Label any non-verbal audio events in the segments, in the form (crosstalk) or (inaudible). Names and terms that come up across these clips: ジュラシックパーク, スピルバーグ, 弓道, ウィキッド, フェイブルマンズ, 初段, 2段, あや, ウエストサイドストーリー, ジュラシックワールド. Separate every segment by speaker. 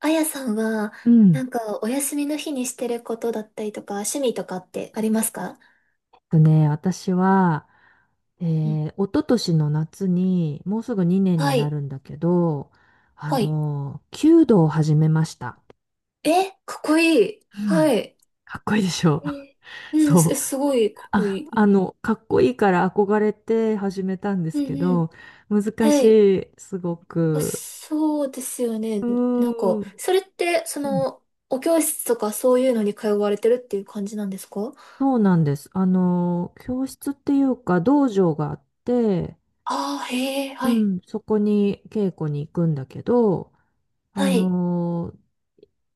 Speaker 1: あやさんは、
Speaker 2: うん。
Speaker 1: なんか、お休みの日にしてることだったりとか、趣味とかってありますか？
Speaker 2: とね、私は、
Speaker 1: うん。
Speaker 2: 一昨年の夏に、もうすぐ2年に
Speaker 1: は
Speaker 2: な
Speaker 1: い。
Speaker 2: るんだけど、
Speaker 1: はい。
Speaker 2: 弓道を始めました。
Speaker 1: え、かっこいい。
Speaker 2: うん。
Speaker 1: はい。
Speaker 2: かっこいいでしょ？
Speaker 1: えー
Speaker 2: (laughs)
Speaker 1: うん、
Speaker 2: そう。
Speaker 1: すごい、かっこいい。
Speaker 2: かっこいいから憧れて始めたんで
Speaker 1: う
Speaker 2: す
Speaker 1: ん
Speaker 2: け
Speaker 1: うん。
Speaker 2: ど、難
Speaker 1: は
Speaker 2: し
Speaker 1: い。
Speaker 2: い、すご
Speaker 1: あ、
Speaker 2: く。
Speaker 1: そうですよね。
Speaker 2: う
Speaker 1: なん
Speaker 2: ー
Speaker 1: か、
Speaker 2: ん。
Speaker 1: それって、
Speaker 2: うん。
Speaker 1: お教室とかそういうのに通われてるっていう感じなんですか？
Speaker 2: そうなんです。教室っていうか、道場があって、
Speaker 1: ああー、へえ、
Speaker 2: う
Speaker 1: はい。
Speaker 2: ん、そこに稽古に行くんだけど、あ
Speaker 1: はい。
Speaker 2: のー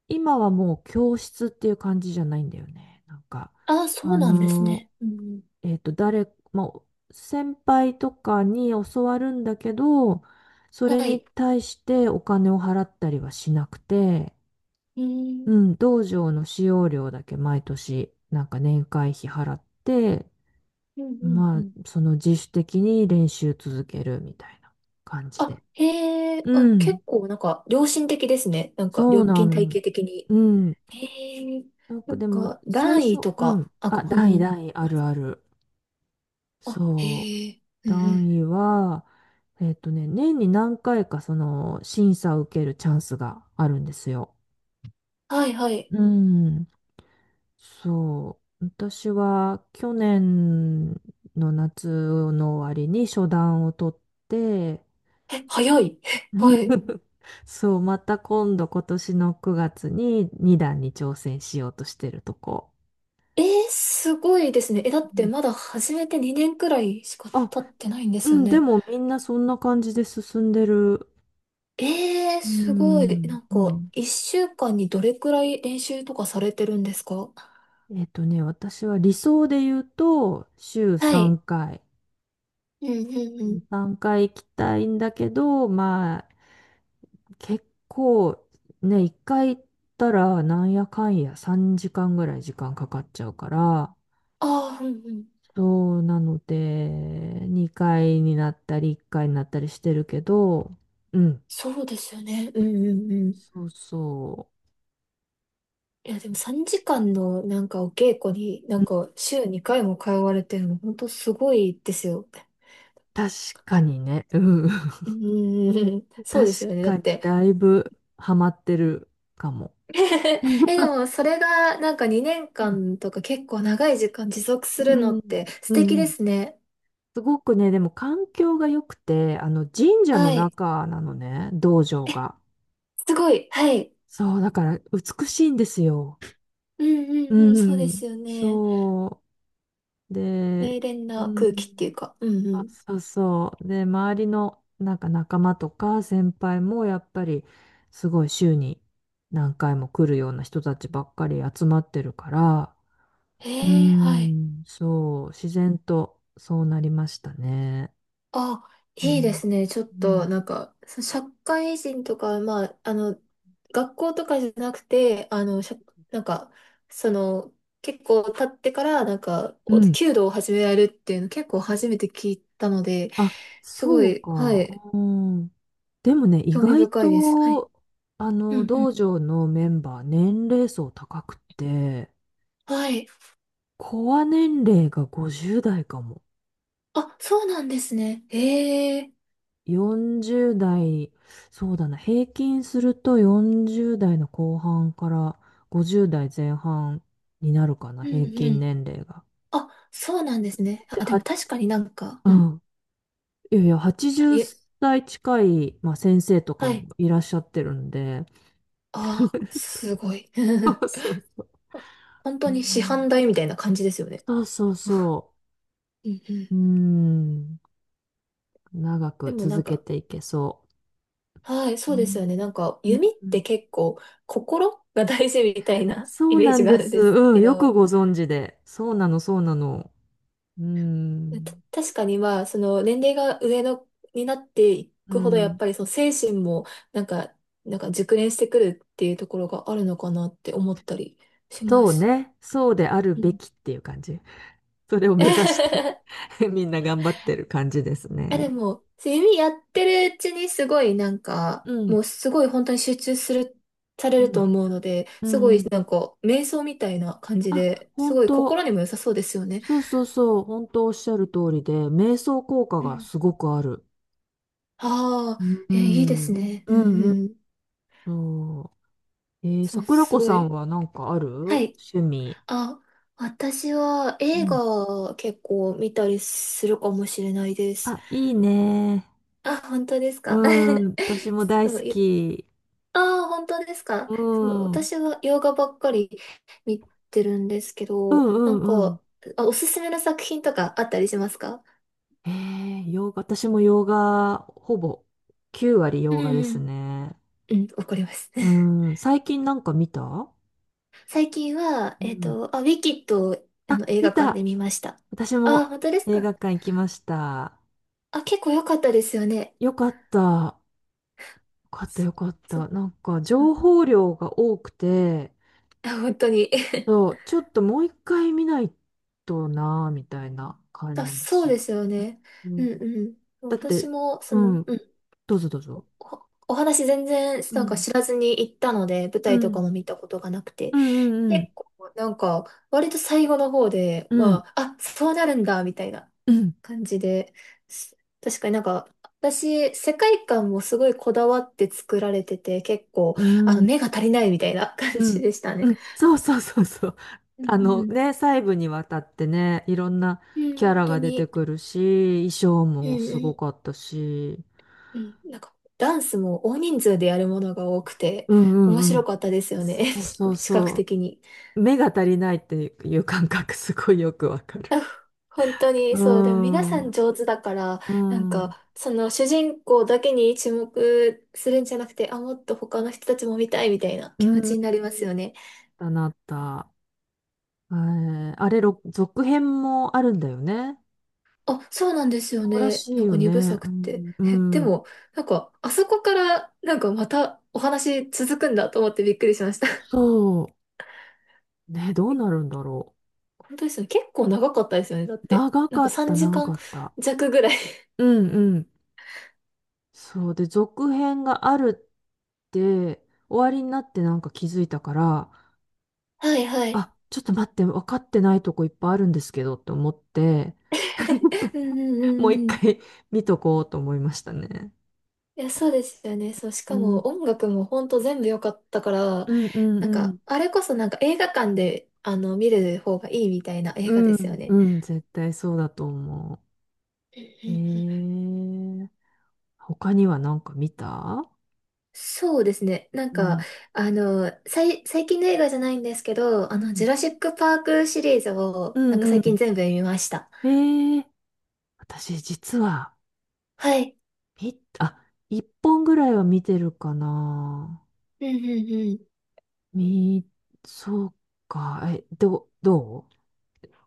Speaker 2: 今はもう教室っていう感じじゃないんだよね。なんか、
Speaker 1: ああ、そ
Speaker 2: あ
Speaker 1: うなんです
Speaker 2: の
Speaker 1: ね。うんうん。
Speaker 2: まあ、先輩とかに教わるんだけど、そ
Speaker 1: は
Speaker 2: れに
Speaker 1: い。
Speaker 2: 対してお金を払ったりはしなくて、
Speaker 1: うー
Speaker 2: う
Speaker 1: ん、
Speaker 2: ん、道場の使用料だけ毎年、なんか年会費払って、
Speaker 1: うん、うん、う
Speaker 2: まあ、
Speaker 1: ん。
Speaker 2: その自主的に練習続けるみたいな感じ
Speaker 1: あ、
Speaker 2: で。
Speaker 1: へえ、あ、
Speaker 2: うん、
Speaker 1: 結構なんか良心的ですね。なんか
Speaker 2: そう
Speaker 1: 料
Speaker 2: な
Speaker 1: 金体
Speaker 2: の。
Speaker 1: 系的に。
Speaker 2: うん。
Speaker 1: へえ、
Speaker 2: なん
Speaker 1: な
Speaker 2: か
Speaker 1: ん
Speaker 2: でも、
Speaker 1: か
Speaker 2: 最
Speaker 1: 段
Speaker 2: 初、
Speaker 1: 位と
Speaker 2: うん。
Speaker 1: か、あ、
Speaker 2: あ、
Speaker 1: うん
Speaker 2: 代
Speaker 1: うん。
Speaker 2: 々あるある。
Speaker 1: あ、
Speaker 2: そう。
Speaker 1: へえ、うんうん。
Speaker 2: 段位は、年に何回かその審査を受けるチャンスがあるんですよ。
Speaker 1: はいはい。
Speaker 2: うん。そう。私は去年の夏の終わりに初段を取って、
Speaker 1: え、早い。(laughs) え、
Speaker 2: うん。
Speaker 1: はい。
Speaker 2: そう、また今度今年の9月に2段に挑戦しようとしてるとこ。
Speaker 1: えー、すごいですね。え、
Speaker 2: う
Speaker 1: だって
Speaker 2: ん。
Speaker 1: まだ始めて2年くらいしか
Speaker 2: あ、
Speaker 1: 経ってないんで
Speaker 2: う
Speaker 1: すよ
Speaker 2: ん、で
Speaker 1: ね。
Speaker 2: もみんなそんな感じで進んでる。う
Speaker 1: すごい。
Speaker 2: ん、
Speaker 1: なん
Speaker 2: う
Speaker 1: か、
Speaker 2: ん、
Speaker 1: 1週間にどれくらい練習とかされてるんですか？
Speaker 2: 私は理想で言うと、週
Speaker 1: は
Speaker 2: 3
Speaker 1: い。
Speaker 2: 回。
Speaker 1: うんうんう
Speaker 2: うん、
Speaker 1: ん。
Speaker 2: 3回行きたいんだけど、まあ、結構、ね、1回行ったら、なんやかんや3時間ぐらい時間かかっちゃうから、
Speaker 1: ああ、うんうん。
Speaker 2: そうなので、2回になったり、1回になったりしてるけど、うん、
Speaker 1: そうですよね。うんうんうん。
Speaker 2: そうそ
Speaker 1: いや、でも3時間のなんかお稽古に、な
Speaker 2: う。う
Speaker 1: ん
Speaker 2: ん。
Speaker 1: か週2回も通われてるの、本当すごいですよ。
Speaker 2: 確かにね、うん。
Speaker 1: うーん、(laughs) そう
Speaker 2: 確
Speaker 1: ですよね。だっ
Speaker 2: かに
Speaker 1: て。
Speaker 2: だいぶハマってるかも。
Speaker 1: (laughs) え、で
Speaker 2: (laughs)
Speaker 1: もそれがなんか2
Speaker 2: う
Speaker 1: 年
Speaker 2: ん、
Speaker 1: 間とか結構長い時間持続す
Speaker 2: う
Speaker 1: るのっ
Speaker 2: ん、
Speaker 1: て素
Speaker 2: う
Speaker 1: 敵で
Speaker 2: ん。
Speaker 1: すね。
Speaker 2: すごくね、でも環境が良くて、あの神社
Speaker 1: は
Speaker 2: の
Speaker 1: い。
Speaker 2: 中なのね、道場
Speaker 1: え、
Speaker 2: が。
Speaker 1: すごい。はい。
Speaker 2: そう、だから美しいんですよ。
Speaker 1: うん
Speaker 2: う
Speaker 1: うんうん、そうで
Speaker 2: ん、
Speaker 1: すよね。
Speaker 2: そう。で、
Speaker 1: 冷練
Speaker 2: う
Speaker 1: な空気っ
Speaker 2: ん、
Speaker 1: ていうか。うんう
Speaker 2: あ、
Speaker 1: ん。
Speaker 2: そうそう。で、周りのなんか仲間とか先輩もやっぱりすごい週に何回も来るような人たちばっかり集まってるから、うー
Speaker 1: はい。
Speaker 2: ん、そう、自然とそうなりましたね。
Speaker 1: あ、
Speaker 2: う
Speaker 1: いいで
Speaker 2: ん。
Speaker 1: すね。ちょっ
Speaker 2: うん。
Speaker 1: と、なんか、社会人とか、まあ、学校とかじゃなくて、なんか、その、結構経ってから、なんか、
Speaker 2: う
Speaker 1: お
Speaker 2: ん。
Speaker 1: 弓道を始められるっていうの、結構初めて聞いたので、
Speaker 2: あ、
Speaker 1: すご
Speaker 2: そう
Speaker 1: い、は
Speaker 2: か。
Speaker 1: い、
Speaker 2: うん。でもね、意
Speaker 1: 興味
Speaker 2: 外
Speaker 1: 深いです。はい。
Speaker 2: と、
Speaker 1: うんう
Speaker 2: 道
Speaker 1: ん。
Speaker 2: 場のメンバー、年齢層高くて、
Speaker 1: はい。
Speaker 2: コア年齢が50代かも。
Speaker 1: あ、そうなんですね。へえ。
Speaker 2: 40代、そうだな、平均すると40代の後半から50代前半になるかな、
Speaker 1: うん
Speaker 2: 平
Speaker 1: う
Speaker 2: 均
Speaker 1: ん。
Speaker 2: 年齢が。
Speaker 1: あ、そうなんですね。
Speaker 2: で、
Speaker 1: あ、でも
Speaker 2: は、
Speaker 1: 確かになんか、
Speaker 2: う
Speaker 1: うん。
Speaker 2: ん。いやいや、80
Speaker 1: いえ、
Speaker 2: 歳近い、まあ、先生とか
Speaker 1: はい。
Speaker 2: もいらっしゃってるんで。
Speaker 1: ああ、
Speaker 2: (laughs) そ
Speaker 1: すごい。
Speaker 2: う
Speaker 1: (laughs)
Speaker 2: そう。
Speaker 1: 本
Speaker 2: う
Speaker 1: 当に市
Speaker 2: ん。
Speaker 1: 販代みたいな感じですよね。
Speaker 2: そうそうそ
Speaker 1: うんうん。
Speaker 2: う。うん。長
Speaker 1: で
Speaker 2: く
Speaker 1: もなん
Speaker 2: 続け
Speaker 1: か、
Speaker 2: ていけそ
Speaker 1: はい、
Speaker 2: う。
Speaker 1: そうですよね。なんか、
Speaker 2: うん。
Speaker 1: 弓っ
Speaker 2: う
Speaker 1: て
Speaker 2: ん。
Speaker 1: 結構、心が大事みたいな (laughs)
Speaker 2: そ
Speaker 1: イ
Speaker 2: う
Speaker 1: メー
Speaker 2: な
Speaker 1: ジ
Speaker 2: ん
Speaker 1: があ
Speaker 2: で
Speaker 1: るん
Speaker 2: す。
Speaker 1: です
Speaker 2: うん。
Speaker 1: け
Speaker 2: よく
Speaker 1: ど、
Speaker 2: ご存知で。そうなの、そうなの。うん。
Speaker 1: 確かにまあ、その年齢が上の、になってい
Speaker 2: う
Speaker 1: くほど、やっ
Speaker 2: ん。
Speaker 1: ぱりその精神も、なんか、なんか熟練してくるっていうところがあるのかなって思ったりしま
Speaker 2: そう
Speaker 1: す。
Speaker 2: ね。そうである
Speaker 1: う
Speaker 2: べ
Speaker 1: ん。
Speaker 2: きっていう感じ。それを目指して
Speaker 1: (laughs)
Speaker 2: (laughs) みんな頑張ってる感じです
Speaker 1: あ、で
Speaker 2: ね。
Speaker 1: も、弓やってるうちにすごいなんか、
Speaker 2: うん。
Speaker 1: もうすごい本当に集中する、され
Speaker 2: う
Speaker 1: ると
Speaker 2: ん。
Speaker 1: 思うので、
Speaker 2: う
Speaker 1: すごい
Speaker 2: ん。
Speaker 1: なんか、瞑想みたいな感じ
Speaker 2: あ、
Speaker 1: で、す
Speaker 2: 本
Speaker 1: ごい
Speaker 2: 当、
Speaker 1: 心にも良さそうですよね。
Speaker 2: そうそうそう、本当おっしゃる通りで、瞑想効果
Speaker 1: う
Speaker 2: が
Speaker 1: ん。
Speaker 2: すごくある。
Speaker 1: あ
Speaker 2: う
Speaker 1: あ、え、いいです
Speaker 2: ん、
Speaker 1: ね。う
Speaker 2: う
Speaker 1: ん
Speaker 2: ん、う
Speaker 1: う
Speaker 2: ん。
Speaker 1: ん。
Speaker 2: そう。
Speaker 1: そう、
Speaker 2: 桜
Speaker 1: す
Speaker 2: 子
Speaker 1: ご
Speaker 2: さん
Speaker 1: い。
Speaker 2: はなんかある
Speaker 1: はい。
Speaker 2: 趣味？
Speaker 1: あ、私は
Speaker 2: う
Speaker 1: 映
Speaker 2: ん。
Speaker 1: 画結構見たりするかもしれないです。
Speaker 2: あ、いいね。
Speaker 1: あ、本当ですか。
Speaker 2: うん、
Speaker 1: (laughs)
Speaker 2: 私も大
Speaker 1: そ
Speaker 2: 好
Speaker 1: う、
Speaker 2: き。
Speaker 1: ああ、本当ですか。
Speaker 2: う
Speaker 1: そう、
Speaker 2: ん、うん、
Speaker 1: 私は洋画ばっかり見てるんですけ
Speaker 2: う
Speaker 1: ど、な
Speaker 2: ん、
Speaker 1: ん
Speaker 2: うん。
Speaker 1: か、あ、おすすめの作品とかあったりしますか？
Speaker 2: 洋画、私も洋画、ほぼ9割
Speaker 1: う
Speaker 2: 洋
Speaker 1: ん
Speaker 2: 画で
Speaker 1: う
Speaker 2: す
Speaker 1: ん。
Speaker 2: ね。
Speaker 1: うん、わかります。
Speaker 2: う
Speaker 1: (laughs)
Speaker 2: ん、最近なんか見た？
Speaker 1: 最近は、
Speaker 2: うん。
Speaker 1: あ、ウィキッドをあ
Speaker 2: あ、
Speaker 1: の映
Speaker 2: 見
Speaker 1: 画館で
Speaker 2: た。
Speaker 1: 見ました。
Speaker 2: 私
Speaker 1: あ、
Speaker 2: も
Speaker 1: 本当です
Speaker 2: 映
Speaker 1: か。
Speaker 2: 画館行きました。
Speaker 1: あ、結構良かったですよね。
Speaker 2: よかった。よかった、
Speaker 1: そ、
Speaker 2: よかっ
Speaker 1: そ、
Speaker 2: た。なんか
Speaker 1: う
Speaker 2: 情
Speaker 1: ん。
Speaker 2: 報量が多くて、
Speaker 1: あ、本当に。(laughs)
Speaker 2: そう、ちょっともう一回見ないとな、みたいな
Speaker 1: あ、
Speaker 2: 感
Speaker 1: そう
Speaker 2: じ。
Speaker 1: ですよね。
Speaker 2: う
Speaker 1: う
Speaker 2: ん、
Speaker 1: んう
Speaker 2: だ
Speaker 1: ん。
Speaker 2: っ
Speaker 1: 私
Speaker 2: て、
Speaker 1: も、
Speaker 2: うん、
Speaker 1: うん。
Speaker 2: どうぞどうぞ。
Speaker 1: お話全然
Speaker 2: う
Speaker 1: なんか
Speaker 2: ん、
Speaker 1: 知らずに行ったので、舞
Speaker 2: う
Speaker 1: 台とか
Speaker 2: ん、
Speaker 1: も見たことがなくて、
Speaker 2: うん、う
Speaker 1: 結
Speaker 2: ん、
Speaker 1: 構なんか割と最後の方で、
Speaker 2: うん、
Speaker 1: まあ、あ、そうなるんだみたいな
Speaker 2: うん、うん、
Speaker 1: 感じで、確かになんか私、世界観もすごいこだわって作られてて、結構
Speaker 2: う
Speaker 1: あの
Speaker 2: ん、
Speaker 1: 目が足りないみたいな感
Speaker 2: う
Speaker 1: じ
Speaker 2: ん、
Speaker 1: でした
Speaker 2: う
Speaker 1: ね。
Speaker 2: ん。そうそうそうそう。
Speaker 1: う
Speaker 2: あ
Speaker 1: ん
Speaker 2: の
Speaker 1: うん。
Speaker 2: ね、細部にわたってね、いろんな
Speaker 1: うん、
Speaker 2: キャ
Speaker 1: 本
Speaker 2: ラ
Speaker 1: 当
Speaker 2: が出て
Speaker 1: に。
Speaker 2: くるし、衣装
Speaker 1: うん
Speaker 2: もす
Speaker 1: う
Speaker 2: ご
Speaker 1: ん
Speaker 2: かったし、
Speaker 1: うん。なんかダンスも大人数でやるものが多くて
Speaker 2: うん
Speaker 1: 面
Speaker 2: うんう
Speaker 1: 白
Speaker 2: ん。
Speaker 1: かったですよね。
Speaker 2: そうそ
Speaker 1: (laughs)
Speaker 2: う
Speaker 1: 視覚
Speaker 2: そ
Speaker 1: 的に。
Speaker 2: う。目が足りないっていう感覚すごいよくわかる。
Speaker 1: 本当に
Speaker 2: うー
Speaker 1: そう、でも皆さん
Speaker 2: ん。
Speaker 1: 上手だから、
Speaker 2: う
Speaker 1: なん
Speaker 2: ん。
Speaker 1: か、その主人公だけに注目するんじゃなくて、あ、もっと他の人たちも見たいみたいな
Speaker 2: う
Speaker 1: 気持ち
Speaker 2: ん。
Speaker 1: になりますよね。
Speaker 2: だなった。あれ、続編もあるんだよね。
Speaker 1: あ、そうなんですよ
Speaker 2: そうら
Speaker 1: ね。
Speaker 2: しい
Speaker 1: なん
Speaker 2: よ
Speaker 1: か二部
Speaker 2: ね。
Speaker 1: 作
Speaker 2: う
Speaker 1: って。
Speaker 2: ん。う
Speaker 1: え、で
Speaker 2: ん。
Speaker 1: も、なんか、あそこから、なんかまたお話続くんだと思ってびっくりしました。(laughs)
Speaker 2: そう。ね、どう
Speaker 1: え、
Speaker 2: なるんだろ
Speaker 1: 本当ですよね。結構長かったですよね。だっ
Speaker 2: う。
Speaker 1: て、
Speaker 2: 長
Speaker 1: なん
Speaker 2: か
Speaker 1: か
Speaker 2: っ
Speaker 1: 3
Speaker 2: た、長
Speaker 1: 時間
Speaker 2: かった。
Speaker 1: 弱ぐらい。
Speaker 2: うんうん。そう。で、続編があるって、終わりになってなんか気づいたから、
Speaker 1: (laughs) はいはい。
Speaker 2: あ、ちょっと待って、分かってないとこいっぱいあるんですけどって思って、
Speaker 1: (laughs) うんうんう
Speaker 2: (laughs) もう一
Speaker 1: んうん。
Speaker 2: 回見とこうと思いましたね。
Speaker 1: いや、そうですよね。そう、し
Speaker 2: う
Speaker 1: かも
Speaker 2: ん、
Speaker 1: 音楽もほんと全部良かったから、
Speaker 2: うん、うん、
Speaker 1: なん
Speaker 2: う
Speaker 1: か、
Speaker 2: ん、
Speaker 1: あれこそなんか映画館で、見る方がいいみたいな映画
Speaker 2: う
Speaker 1: ですよ
Speaker 2: ん、う
Speaker 1: ね。
Speaker 2: ん絶対そうだと思
Speaker 1: うんう
Speaker 2: う。
Speaker 1: んうん。
Speaker 2: 他には何か見た？
Speaker 1: そうですね。なん
Speaker 2: う
Speaker 1: か、
Speaker 2: ん、
Speaker 1: 最近の映画じゃないんですけど、
Speaker 2: う
Speaker 1: ジ
Speaker 2: ん、
Speaker 1: ュラシックパークシリーズ
Speaker 2: う
Speaker 1: を、なんか
Speaker 2: ん、う
Speaker 1: 最近
Speaker 2: ん。
Speaker 1: 全部見ました。
Speaker 2: えー、私実は、
Speaker 1: はい。
Speaker 2: あ、一本ぐらいは見てるかな。
Speaker 1: うんうんうん。
Speaker 2: み、そうか、え、どう、どう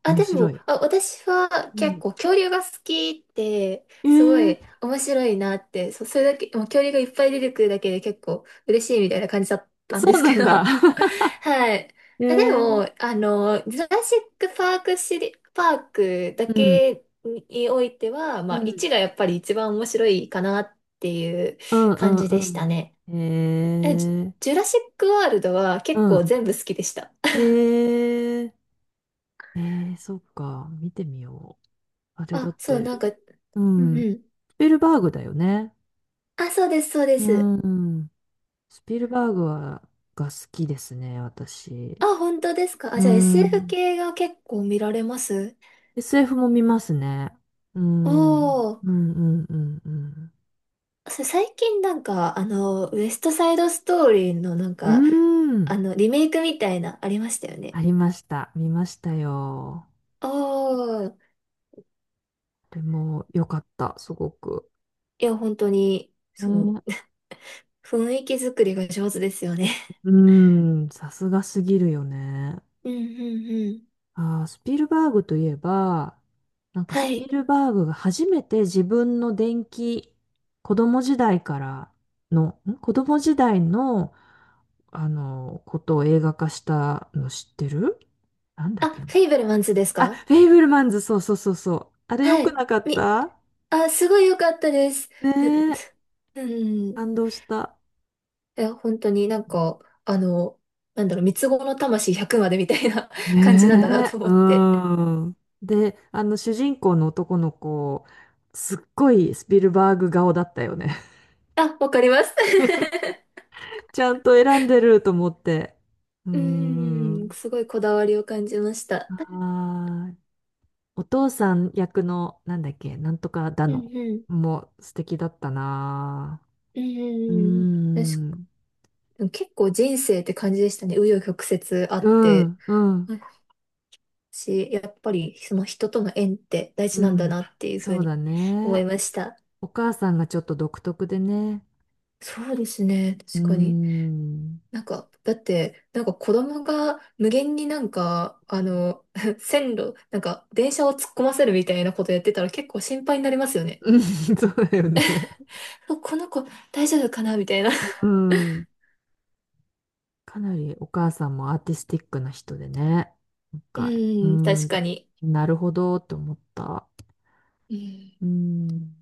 Speaker 1: あ、
Speaker 2: 面
Speaker 1: で
Speaker 2: 白
Speaker 1: も、
Speaker 2: い。
Speaker 1: あ、私は
Speaker 2: う
Speaker 1: 結
Speaker 2: ん。
Speaker 1: 構恐竜が好きって、
Speaker 2: え
Speaker 1: すご
Speaker 2: ー、
Speaker 1: い面白いなって、それだけ、もう恐竜がいっぱい出てくるだけで結構嬉しいみたいな感じだったん
Speaker 2: そ
Speaker 1: で
Speaker 2: う
Speaker 1: す
Speaker 2: な
Speaker 1: け
Speaker 2: ん
Speaker 1: ど。
Speaker 2: だ。(laughs)
Speaker 1: (laughs) はい。
Speaker 2: え
Speaker 1: え、で
Speaker 2: ー、
Speaker 1: も、あの、ジュラシックパークシリ、パークだ
Speaker 2: うん、
Speaker 1: けにおいては、
Speaker 2: う
Speaker 1: まあ、
Speaker 2: ん、
Speaker 1: 1がやっぱり一番面白いかなっていう
Speaker 2: うん、
Speaker 1: 感じ
Speaker 2: う
Speaker 1: でした
Speaker 2: ん、
Speaker 1: ね。
Speaker 2: うん。
Speaker 1: え、ジュジュラシックワールドは
Speaker 2: う
Speaker 1: 結構
Speaker 2: ん。
Speaker 1: 全部好きでした。
Speaker 2: えー、えそっか。見てみよう。あれだっ
Speaker 1: あ、そう、なん
Speaker 2: て、
Speaker 1: か、
Speaker 2: う
Speaker 1: うん
Speaker 2: ん。
Speaker 1: うん。
Speaker 2: スピルバーグだよね。
Speaker 1: あ、そうです、そうで
Speaker 2: う
Speaker 1: す。
Speaker 2: ん。スピルバーグが好きですね、私。
Speaker 1: あ、本当ですか。あ、
Speaker 2: う
Speaker 1: じゃあ SF
Speaker 2: ん。
Speaker 1: 系が結構見られます
Speaker 2: SF も見ますね。うん。うん、
Speaker 1: お
Speaker 2: う
Speaker 1: ー、
Speaker 2: ん、うん、
Speaker 1: 最近なんか、ウエストサイドストーリーのなん
Speaker 2: う
Speaker 1: か、
Speaker 2: ん。うん。
Speaker 1: リメイクみたいな、ありましたよ
Speaker 2: あ
Speaker 1: ね。
Speaker 2: りました。見ましたよ。
Speaker 1: おー、
Speaker 2: でも、よかった、すごく。
Speaker 1: いや、本当に、
Speaker 2: ね。
Speaker 1: 雰囲気作りが上手ですよね。
Speaker 2: うーん、さすがすぎるよね。
Speaker 1: (laughs) うんうんうん。
Speaker 2: スピルバーグといえば、なんか
Speaker 1: は
Speaker 2: スピ
Speaker 1: い。
Speaker 2: ルバーグが初めて自分の電気、子供時代から子供時代の、ことを映画化したの知ってる？なんだ
Speaker 1: あ、
Speaker 2: っけ
Speaker 1: フ
Speaker 2: な。
Speaker 1: ェイブルマンズです
Speaker 2: あ、
Speaker 1: か？
Speaker 2: フェイブルマンズ、そうそうそうそう。あれ良
Speaker 1: は
Speaker 2: く
Speaker 1: い。
Speaker 2: なかった？
Speaker 1: あ、すごい良かったです。
Speaker 2: ねえ、
Speaker 1: ううん。
Speaker 2: 感動した。
Speaker 1: いや、本当になんか、あの、なんだろう、三つ子の魂100までみたいな (laughs) 感じなんだな
Speaker 2: ね
Speaker 1: と
Speaker 2: え、
Speaker 1: 思
Speaker 2: う
Speaker 1: って。
Speaker 2: ん。で、主人公の男の子、すっごいスピルバーグ顔だったよね。
Speaker 1: あ、わかります。(laughs)
Speaker 2: (laughs) ちゃんと選んでると思って。う
Speaker 1: うん、
Speaker 2: ん。
Speaker 1: すごいこだわりを感じました。
Speaker 2: あーお父さん役の、なんだっけ、なんとかだ
Speaker 1: う
Speaker 2: の、
Speaker 1: んうん。
Speaker 2: もう素敵だったな。
Speaker 1: うん
Speaker 2: う
Speaker 1: うんうん。確
Speaker 2: ん。
Speaker 1: か結構人生って感じでしたね。紆余曲折あ
Speaker 2: う
Speaker 1: って。
Speaker 2: ん、うん、
Speaker 1: 私、やっぱりその人との縁って大
Speaker 2: う
Speaker 1: 事なんだ
Speaker 2: ん。
Speaker 1: なっていうふう
Speaker 2: そう
Speaker 1: に
Speaker 2: だ
Speaker 1: 思い
Speaker 2: ね。
Speaker 1: ました。
Speaker 2: お母さんがちょっと独特でね。
Speaker 1: そうですね。
Speaker 2: う
Speaker 1: 確かに。
Speaker 2: ん。
Speaker 1: なんか、だって、なんか子供が無限になんか、(laughs) 線路、なんか電車を突っ込ませるみたいなことやってたら結構心配になりますよね。
Speaker 2: うん、(laughs) そうだよね。
Speaker 1: あ、この子大丈夫かなみたいな。
Speaker 2: う
Speaker 1: (laughs)
Speaker 2: ん。かなりお母さんもアーティスティックな人でね。なん
Speaker 1: う
Speaker 2: か、う
Speaker 1: ん、確
Speaker 2: ん、
Speaker 1: かに。
Speaker 2: なるほどって思った。
Speaker 1: うん。
Speaker 2: うん。